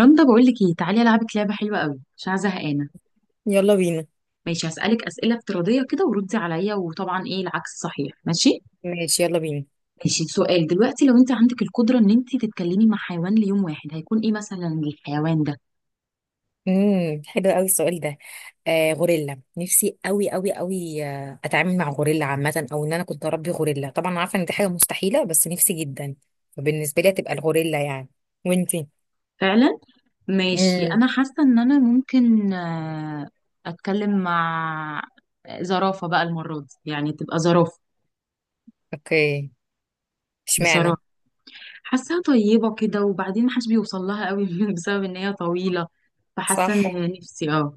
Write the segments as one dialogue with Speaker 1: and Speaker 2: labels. Speaker 1: رندا بقول لك ايه، تعالي العبك لعبه حلوه قوي. مش عايزه زهقانه.
Speaker 2: يلا بينا.
Speaker 1: ماشي، هسالك اسئله افتراضيه كده وردي عليا، وطبعا ايه العكس صحيح. ماشي
Speaker 2: ماشي، يلا بينا.
Speaker 1: ماشي. سؤال دلوقتي، لو انت عندك القدره ان انت تتكلمي مع حيوان ليوم واحد، هيكون ايه مثلا الحيوان ده؟
Speaker 2: حلو قوي السؤال ده. غوريلا، نفسي قوي قوي قوي. اتعامل مع غوريلا عامه، او ان انا كنت اربي غوريلا. طبعا أنا عارفه ان دي حاجه مستحيله، بس نفسي جدا. فبالنسبه لي هتبقى الغوريلا يعني. وانتي؟
Speaker 1: فعلا. ماشي،
Speaker 2: امم.
Speaker 1: انا حاسه ان انا ممكن اتكلم مع زرافه بقى المره دي، يعني تبقى زرافه.
Speaker 2: اوكي. اشمعنى؟
Speaker 1: بصراحه حاساها طيبه كده، وبعدين محدش بيوصل لها قوي بسبب ان هي طويله، فحاسه
Speaker 2: صح،
Speaker 1: ان نفسي اه.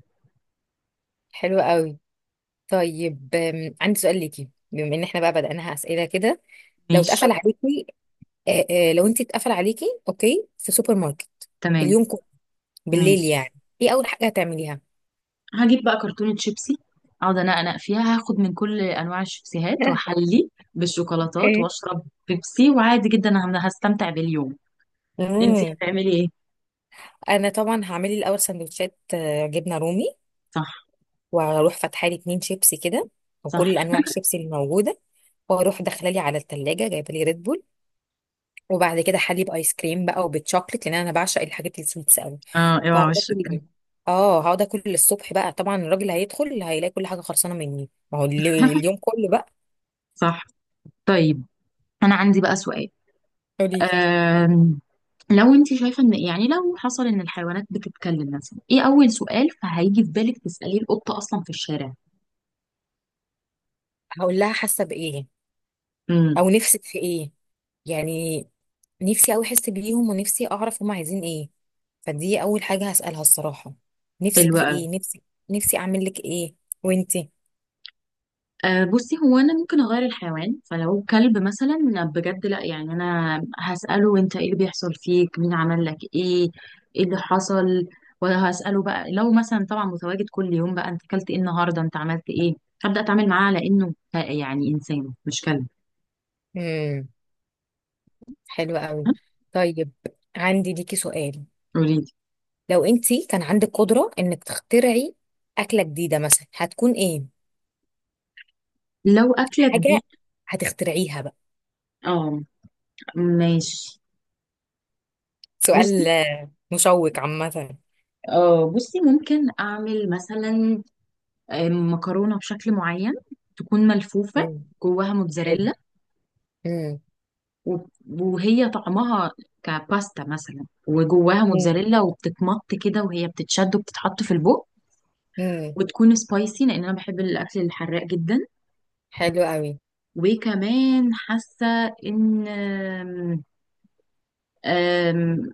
Speaker 2: حلو قوي. طيب، عندي سؤال ليكي بما ان احنا بقى بدأناها اسئله كده. لو
Speaker 1: ماشي.
Speaker 2: اتقفل عليكي، لو انت اتقفل عليكي، اوكي، في سوبر ماركت
Speaker 1: تمام.
Speaker 2: اليوم كله، بالليل
Speaker 1: ماشي.
Speaker 2: يعني، ايه اول حاجه هتعمليها؟
Speaker 1: هجيب بقى كرتونة شيبسي، اقعد انقنق فيها، هاخد من كل انواع الشيبسيهات واحلي بالشوكولاتات
Speaker 2: اوكي.
Speaker 1: واشرب بيبسي، وعادي جدا انا هستمتع باليوم. انتي
Speaker 2: امم.
Speaker 1: هتعملي ايه؟
Speaker 2: انا طبعا هعمل لي الاول سندوتشات، جبنه رومي،
Speaker 1: صح.
Speaker 2: وهروح فاتحه لي اتنين شيبسي كده،
Speaker 1: صح.
Speaker 2: وكل انواع الشيبسي اللي موجوده، واروح داخله لي على التلاجة جايبه لي ريد بول، وبعد كده حليب ايس كريم بقى وبالشوكليت، لان انا بعشق الحاجات السويتس قوي.
Speaker 1: اه اوعى
Speaker 2: فهقعد
Speaker 1: وشك.
Speaker 2: اكل. اه هقعد اكل للصبح بقى، طبعا الراجل هيدخل هيلاقي كل حاجه خلصانه مني، ما هو اليوم كله بقى.
Speaker 1: صح. طيب انا عندي بقى سؤال.
Speaker 2: قولي لي.
Speaker 1: أم... لو انت شايفه ان، يعني لو حصل ان الحيوانات بتتكلم، مثلا ايه اول سؤال فهيجي في بالك تساليه القطه اصلا في الشارع؟
Speaker 2: هقول لها حاسه بايه،
Speaker 1: امم.
Speaker 2: او نفسك في ايه يعني. نفسي قوي احس بيهم، ونفسي اعرف هم عايزين ايه. فدي اول حاجه هسالها الصراحه:
Speaker 1: حلو.
Speaker 2: نفسك في ايه، نفسي اعمل لك ايه. وانتي؟
Speaker 1: أه بصي، هو انا ممكن اغير الحيوان، فلو كلب مثلا. بجد لا، يعني انا هساله انت ايه اللي بيحصل فيك، مين عمل لك ايه، ايه اللي حصل. وهساله بقى لو مثلا طبعا متواجد كل يوم بقى، انت اكلت ايه النهارده، انت عملت ايه. هبدا اتعامل معاه على انه يعني انسان مش كلب.
Speaker 2: امم. حلوه قوي.
Speaker 1: ها؟
Speaker 2: طيب، عندي ليكي سؤال:
Speaker 1: قوليلي.
Speaker 2: لو انتي كان عندك قدره انك تخترعي اكله جديده مثلا، هتكون ايه؟
Speaker 1: لو اكلك
Speaker 2: حاجه
Speaker 1: دي؟
Speaker 2: هتخترعيها بقى.
Speaker 1: اه. ماشي. بصي
Speaker 2: سؤال مشوق عامه.
Speaker 1: اه، بصي ممكن اعمل مثلا مكرونه بشكل معين، تكون ملفوفه
Speaker 2: امم.
Speaker 1: جواها
Speaker 2: حلو.
Speaker 1: موتزاريلا،
Speaker 2: امم.
Speaker 1: و- وهي طعمها كباستا مثلا، وجواها
Speaker 2: امم.
Speaker 1: موتزاريلا، وبتتمط كده وهي بتتشد، وبتتحط في البوق.
Speaker 2: امم.
Speaker 1: وتكون سبايسي لان انا بحب الاكل الحراق جدا.
Speaker 2: حلو قوي.
Speaker 1: وكمان حاسه ان أم- أم،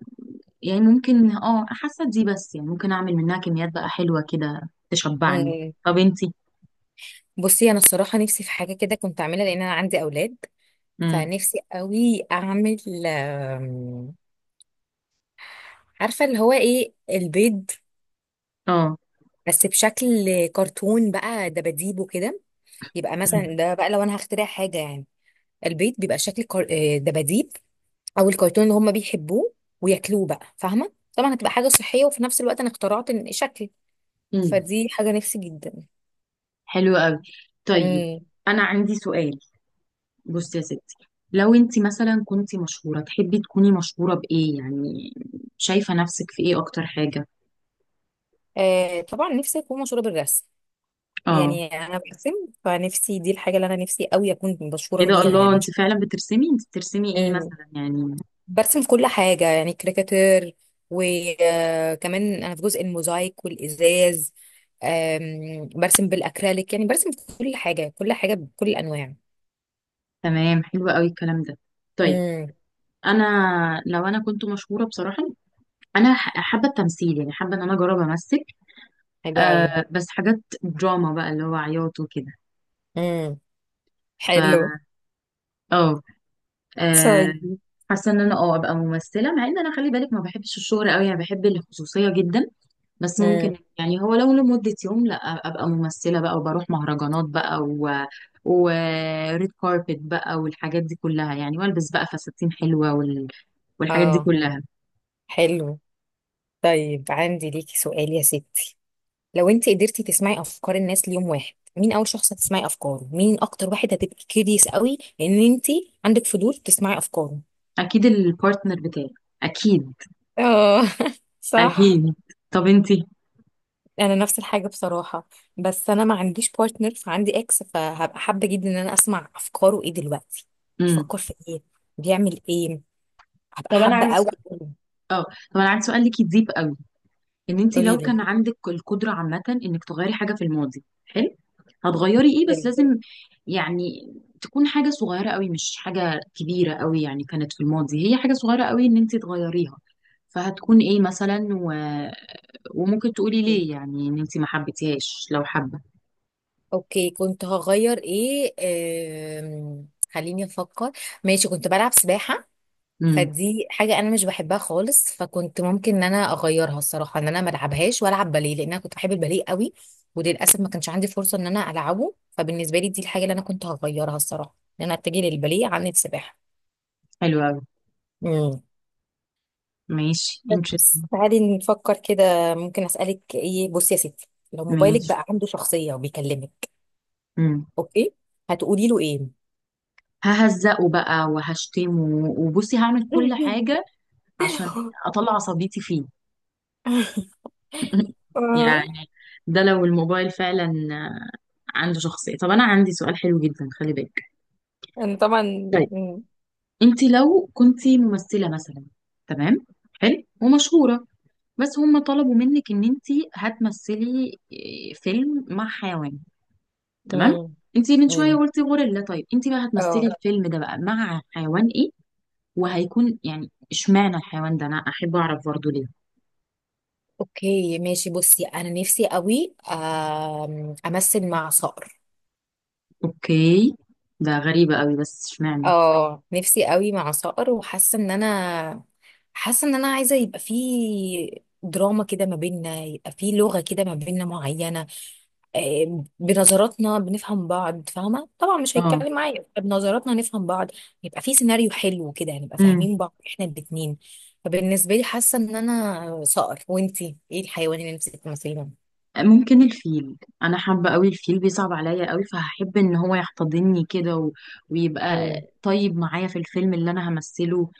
Speaker 1: يعني ممكن اه، حاسه دي، بس يعني ممكن اعمل منها كميات بقى حلوه كده تشبعني.
Speaker 2: امم.
Speaker 1: طب انتي؟
Speaker 2: بصي، انا الصراحه نفسي في حاجه كده كنت اعملها، لان انا عندي اولاد.
Speaker 1: امم.
Speaker 2: فنفسي قوي اعمل، آم، عارفه اللي هو ايه، البيض،
Speaker 1: اه.
Speaker 2: بس بشكل كرتون بقى، دباديب وكده. يبقى مثلا ده بقى لو انا هخترع حاجه يعني، البيض بيبقى شكل دباديب او الكرتون اللي هم بيحبوه وياكلوه بقى، فاهمه؟ طبعا هتبقى حاجه صحيه، وفي نفس الوقت انا اخترعت شكل.
Speaker 1: امم.
Speaker 2: فدي حاجه نفسي جدا.
Speaker 1: حلو قوي. طيب
Speaker 2: امم.
Speaker 1: انا عندي سؤال. بصي يا ستي، لو انت مثلا كنت مشهورة، تحبي تكوني مشهورة بإيه يعني؟ شايفة نفسك في إيه أكتر حاجة؟
Speaker 2: آه طبعا نفسي اكون مشهوره بالرسم.
Speaker 1: اه.
Speaker 2: يعني انا برسم، فنفسي دي الحاجه اللي انا نفسي قوي اكون
Speaker 1: ايه
Speaker 2: مشهوره
Speaker 1: ده،
Speaker 2: بيها
Speaker 1: الله،
Speaker 2: يعني.
Speaker 1: انت فعلا بترسمي؟ انت بترسمي ايه مثلا يعني؟
Speaker 2: برسم كل حاجة، يعني كاريكاتير، وكمان أنا في جزء الموزايك والإزاز. برسم بالأكريليك، يعني برسم كل حاجة كل حاجة بكل الأنواع.
Speaker 1: تمام، حلو قوي الكلام ده. طيب،
Speaker 2: امم.
Speaker 1: انا لو انا كنت مشهورة بصراحة، انا حابة التمثيل، يعني حابة ان انا اجرب امثل.
Speaker 2: حلو أوي.
Speaker 1: آه بس حاجات دراما بقى، اللي هو عياط وكده.
Speaker 2: امم.
Speaker 1: ف
Speaker 2: حلو.
Speaker 1: اه، آه،
Speaker 2: طيب.
Speaker 1: حاسه ان انا اه ابقى ممثله. مع ان انا، خلي بالك، ما بحبش الشهرة قوي، يعني بحب الخصوصيه جدا، بس ممكن،
Speaker 2: امم.
Speaker 1: يعني هو لو لمده يوم، لا، ابقى ممثله بقى، وبروح مهرجانات بقى، و وريد كاربت بقى، والحاجات دي كلها يعني، والبس بقى فساتين حلوه والحاجات دي
Speaker 2: اه.
Speaker 1: كلها.
Speaker 2: حلو. طيب، عندي ليكي سؤال يا ستي: لو انت قدرتي تسمعي افكار الناس ليوم واحد، مين اول شخص هتسمعي افكاره، مين اكتر واحد هتبقي كيريس قوي ان انت عندك فضول تسمعي افكاره؟
Speaker 1: اكيد البارتنر بتاعي. اكيد.
Speaker 2: اه. صح.
Speaker 1: اكيد. طب انتي؟
Speaker 2: انا نفس الحاجه بصراحه، بس انا ما عنديش بارتنر فعندي اكس، فهبقى حابه جدا ان انا اسمع افكاره ايه دلوقتي،
Speaker 1: امم.
Speaker 2: بيفكر في ايه، بيعمل ايه. هبقى
Speaker 1: طب انا
Speaker 2: حابه
Speaker 1: عندي
Speaker 2: قوي.
Speaker 1: سؤال. طب انا عندي سؤال ليكي ديب. ان انت
Speaker 2: قولي
Speaker 1: لو
Speaker 2: لي.
Speaker 1: كان عندك القدره عامه انك تغيري حاجه في الماضي. حلو. هتغيري ايه، بس
Speaker 2: حلو.
Speaker 1: لازم يعني تكون حاجه صغيره قوي مش حاجه كبيره قوي، يعني كانت في الماضي هي حاجه صغيره قوي ان انت تغيريها. فهتكون ايه مثلا وممكن تقولي
Speaker 2: حلو.
Speaker 1: ليه، يعني ان انت ما حبيتيهاش، لو حابه.
Speaker 2: اوكي، كنت هغير ايه؟ خليني افكر. ماشي، كنت بلعب سباحه،
Speaker 1: امم.
Speaker 2: فدي حاجة أنا مش بحبها خالص، فكنت ممكن إن أنا أغيرها الصراحة، إن أنا ما ألعبهاش وألعب باليه، لأن أنا كنت بحب الباليه قوي. وللأسف ما كانش عندي فرصة إن أنا ألعبه. فبالنسبة لي دي الحاجة اللي أنا كنت هغيرها الصراحة، إن أنا أتجه للباليه عن السباحة.
Speaker 1: حلو قوي.
Speaker 2: امم.
Speaker 1: ماشي interesting.
Speaker 2: بس تعالي نفكر كده، ممكن أسألك إيه. بصي يا ستي، لو موبايلك
Speaker 1: ماشي.
Speaker 2: بقى عنده شخصية وبيكلمك،
Speaker 1: امم.
Speaker 2: أوكي، هتقولي له إيه؟
Speaker 1: ههزقه بقى وهشتمه، وبصي هعمل كل حاجه عشان اطلع عصبيتي فيه.
Speaker 2: آه،
Speaker 1: يعني ده لو الموبايل فعلا آه، عنده شخصية. طب أنا عندي سؤال حلو جدا، خلي بالك.
Speaker 2: أنا طبعا.
Speaker 1: طيب،
Speaker 2: مم.
Speaker 1: أنت لو كنت ممثلة مثلا، تمام، حلو ومشهورة، بس هم طلبوا منك إن أنت هتمثلي فيلم مع حيوان. تمام،
Speaker 2: مم.
Speaker 1: أنت من شوية
Speaker 2: مم.
Speaker 1: قلتي غوريلا، طيب أنت بقى هتمثلي
Speaker 2: اه،
Speaker 1: الفيلم ده بقى مع حيوان إيه؟ وهيكون يعني إشمعنى الحيوان ده، أنا أحب أعرف برضه ليه.
Speaker 2: اوكي، ماشي. بصي انا نفسي قوي، امثل مع صقر.
Speaker 1: أوكي. ده غريبة قوي، بس إشمعنى؟
Speaker 2: اه، نفسي قوي مع صقر، وحاسه ان انا حاسه ان انا عايزه يبقى في دراما كده ما بيننا، يبقى في لغه كده ما بيننا معينه، بنظراتنا بنفهم بعض، فاهمه؟ طبعا مش
Speaker 1: اه.
Speaker 2: هيتكلم معايا، يبقى بنظراتنا نفهم بعض، يبقى في سيناريو حلو كده نبقى فاهمين بعض احنا الاتنين. فبالنسبه لي حاسه ان انا صقر. وانتي، ايه الحيوان اللي نفسك تمثليه؟
Speaker 1: ممكن الفيل، انا حابه قوي الفيل، بيصعب عليا قوي، فهحب ان هو يحتضنني كده ويبقى
Speaker 2: مم،
Speaker 1: طيب معايا في الفيلم اللي انا همثله،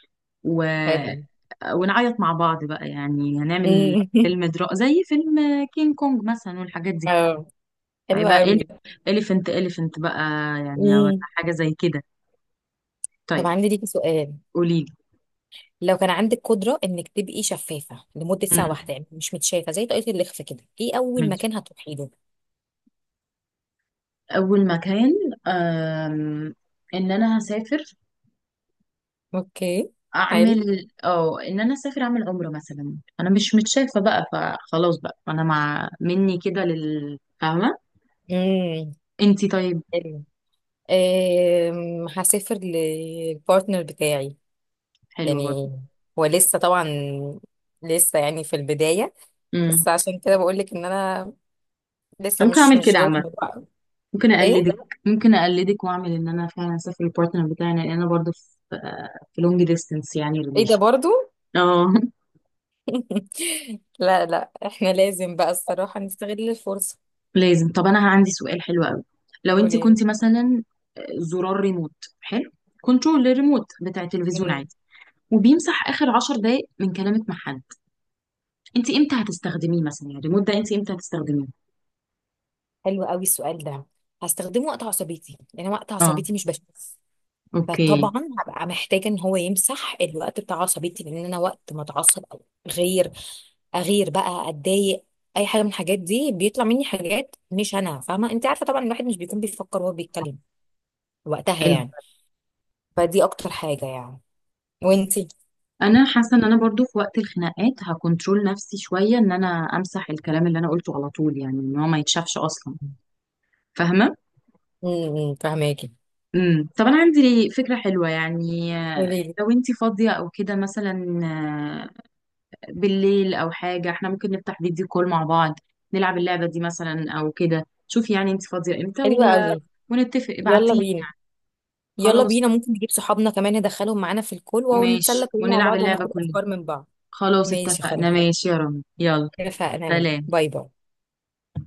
Speaker 1: و...
Speaker 2: حلو.
Speaker 1: ونعيط مع بعض بقى، يعني هنعمل فيلم درا، زي فيلم كينج كونج مثلا والحاجات دي.
Speaker 2: اه، حلو
Speaker 1: هيبقى
Speaker 2: قوي.
Speaker 1: اليفنت، اليفنت بقى، يعني أو
Speaker 2: امم.
Speaker 1: حاجه زي كده.
Speaker 2: طب
Speaker 1: طيب.
Speaker 2: عندي ليكي سؤال:
Speaker 1: قولي
Speaker 2: لو كان عندك قدرة انك تبقي شفافة لمدة
Speaker 1: لي.
Speaker 2: ساعة واحدة، يعني مش متشافة زي طاقية الإخفاء كده، ايه اول
Speaker 1: ماشي.
Speaker 2: مكان هتروحي له؟
Speaker 1: اول مكان، أم... ان انا هسافر،
Speaker 2: اوكي. حلو.
Speaker 1: اعمل اه ان انا اسافر، اعمل عمره مثلا، انا مش متشافه بقى، فخلاص بقى فانا مع مني كده لل، فاهمه.
Speaker 2: امم.
Speaker 1: انتي طيب؟
Speaker 2: حلو. هسافر للبارتنر بتاعي.
Speaker 1: حلوه برضه.
Speaker 2: يعني هو لسه طبعا، لسه يعني في البداية،
Speaker 1: امم.
Speaker 2: بس عشان كده بقول لك ان انا لسه
Speaker 1: ممكن
Speaker 2: مش
Speaker 1: اعمل
Speaker 2: مش
Speaker 1: كده
Speaker 2: جوه
Speaker 1: عامه،
Speaker 2: الموضوع.
Speaker 1: ممكن
Speaker 2: ايه،
Speaker 1: اقلدك. ممكن اقلدك واعمل ان انا فعلا اسافر البارتنر بتاعي، لان انا برضه في في لونج ديستنس، يعني
Speaker 2: ايه ده
Speaker 1: ريليشن.
Speaker 2: برضو؟
Speaker 1: اه.
Speaker 2: لا لا، احنا لازم بقى الصراحة نستغل الفرصة.
Speaker 1: لازم. طب انا عندي سؤال حلو قوي. لو انت
Speaker 2: قولي.
Speaker 1: كنت مثلا زرار ريموت، حلو، كنترول للريموت بتاع التلفزيون
Speaker 2: مم.
Speaker 1: عادي، وبيمسح اخر 10 دقايق من كلامك مع حد، انت امتى هتستخدميه مثلا، يعني الريموت ده انت امتى هتستخدميه؟
Speaker 2: حلو قوي السؤال ده. هستخدمه وقت عصبيتي، لان وقت
Speaker 1: اه.
Speaker 2: عصبيتي مش بشوف،
Speaker 1: اوكي.
Speaker 2: فطبعا هبقى محتاجه ان هو يمسح الوقت بتاع عصبيتي، لان انا وقت ما اتعصب، او غير، اغير بقى، اتضايق، اي حاجه من الحاجات دي، بيطلع مني حاجات مش انا فاهمه. انت عارفه طبعا الواحد مش بيكون بيفكر وهو بيتكلم وقتها
Speaker 1: حلو.
Speaker 2: يعني. فدي اكتر حاجه يعني. وانتي؟
Speaker 1: انا حاسه ان انا برضو في وقت الخناقات هكنترول نفسي شويه، ان انا امسح الكلام اللي انا قلته على طول، يعني ان هو ما يتشافش اصلا، فاهمه.
Speaker 2: امم. فهماكي.
Speaker 1: امم. طب انا عندي فكره حلوه، يعني
Speaker 2: قولي لي.
Speaker 1: لو انت فاضيه او كده مثلا بالليل او حاجه، احنا ممكن نفتح فيديو كول مع بعض، نلعب اللعبه دي مثلا او كده. شوفي يعني انت فاضيه امتى
Speaker 2: حلوه قوي.
Speaker 1: ونتفق،
Speaker 2: يلا
Speaker 1: ابعتيلي
Speaker 2: بينا.
Speaker 1: يعني.
Speaker 2: يلا
Speaker 1: خلاص.
Speaker 2: بينا، ممكن نجيب صحابنا كمان ندخلهم معانا في الكل، ونتسلى
Speaker 1: ماشي،
Speaker 2: كلنا مع
Speaker 1: ونلعب
Speaker 2: بعض،
Speaker 1: اللعبه
Speaker 2: وناخد
Speaker 1: كلنا.
Speaker 2: افكار من بعض.
Speaker 1: خلاص
Speaker 2: ماشي،
Speaker 1: اتفقنا،
Speaker 2: خلاص،
Speaker 1: ماشي يا رامي يلا.
Speaker 2: اتفقنا.
Speaker 1: سلام.
Speaker 2: باي باي.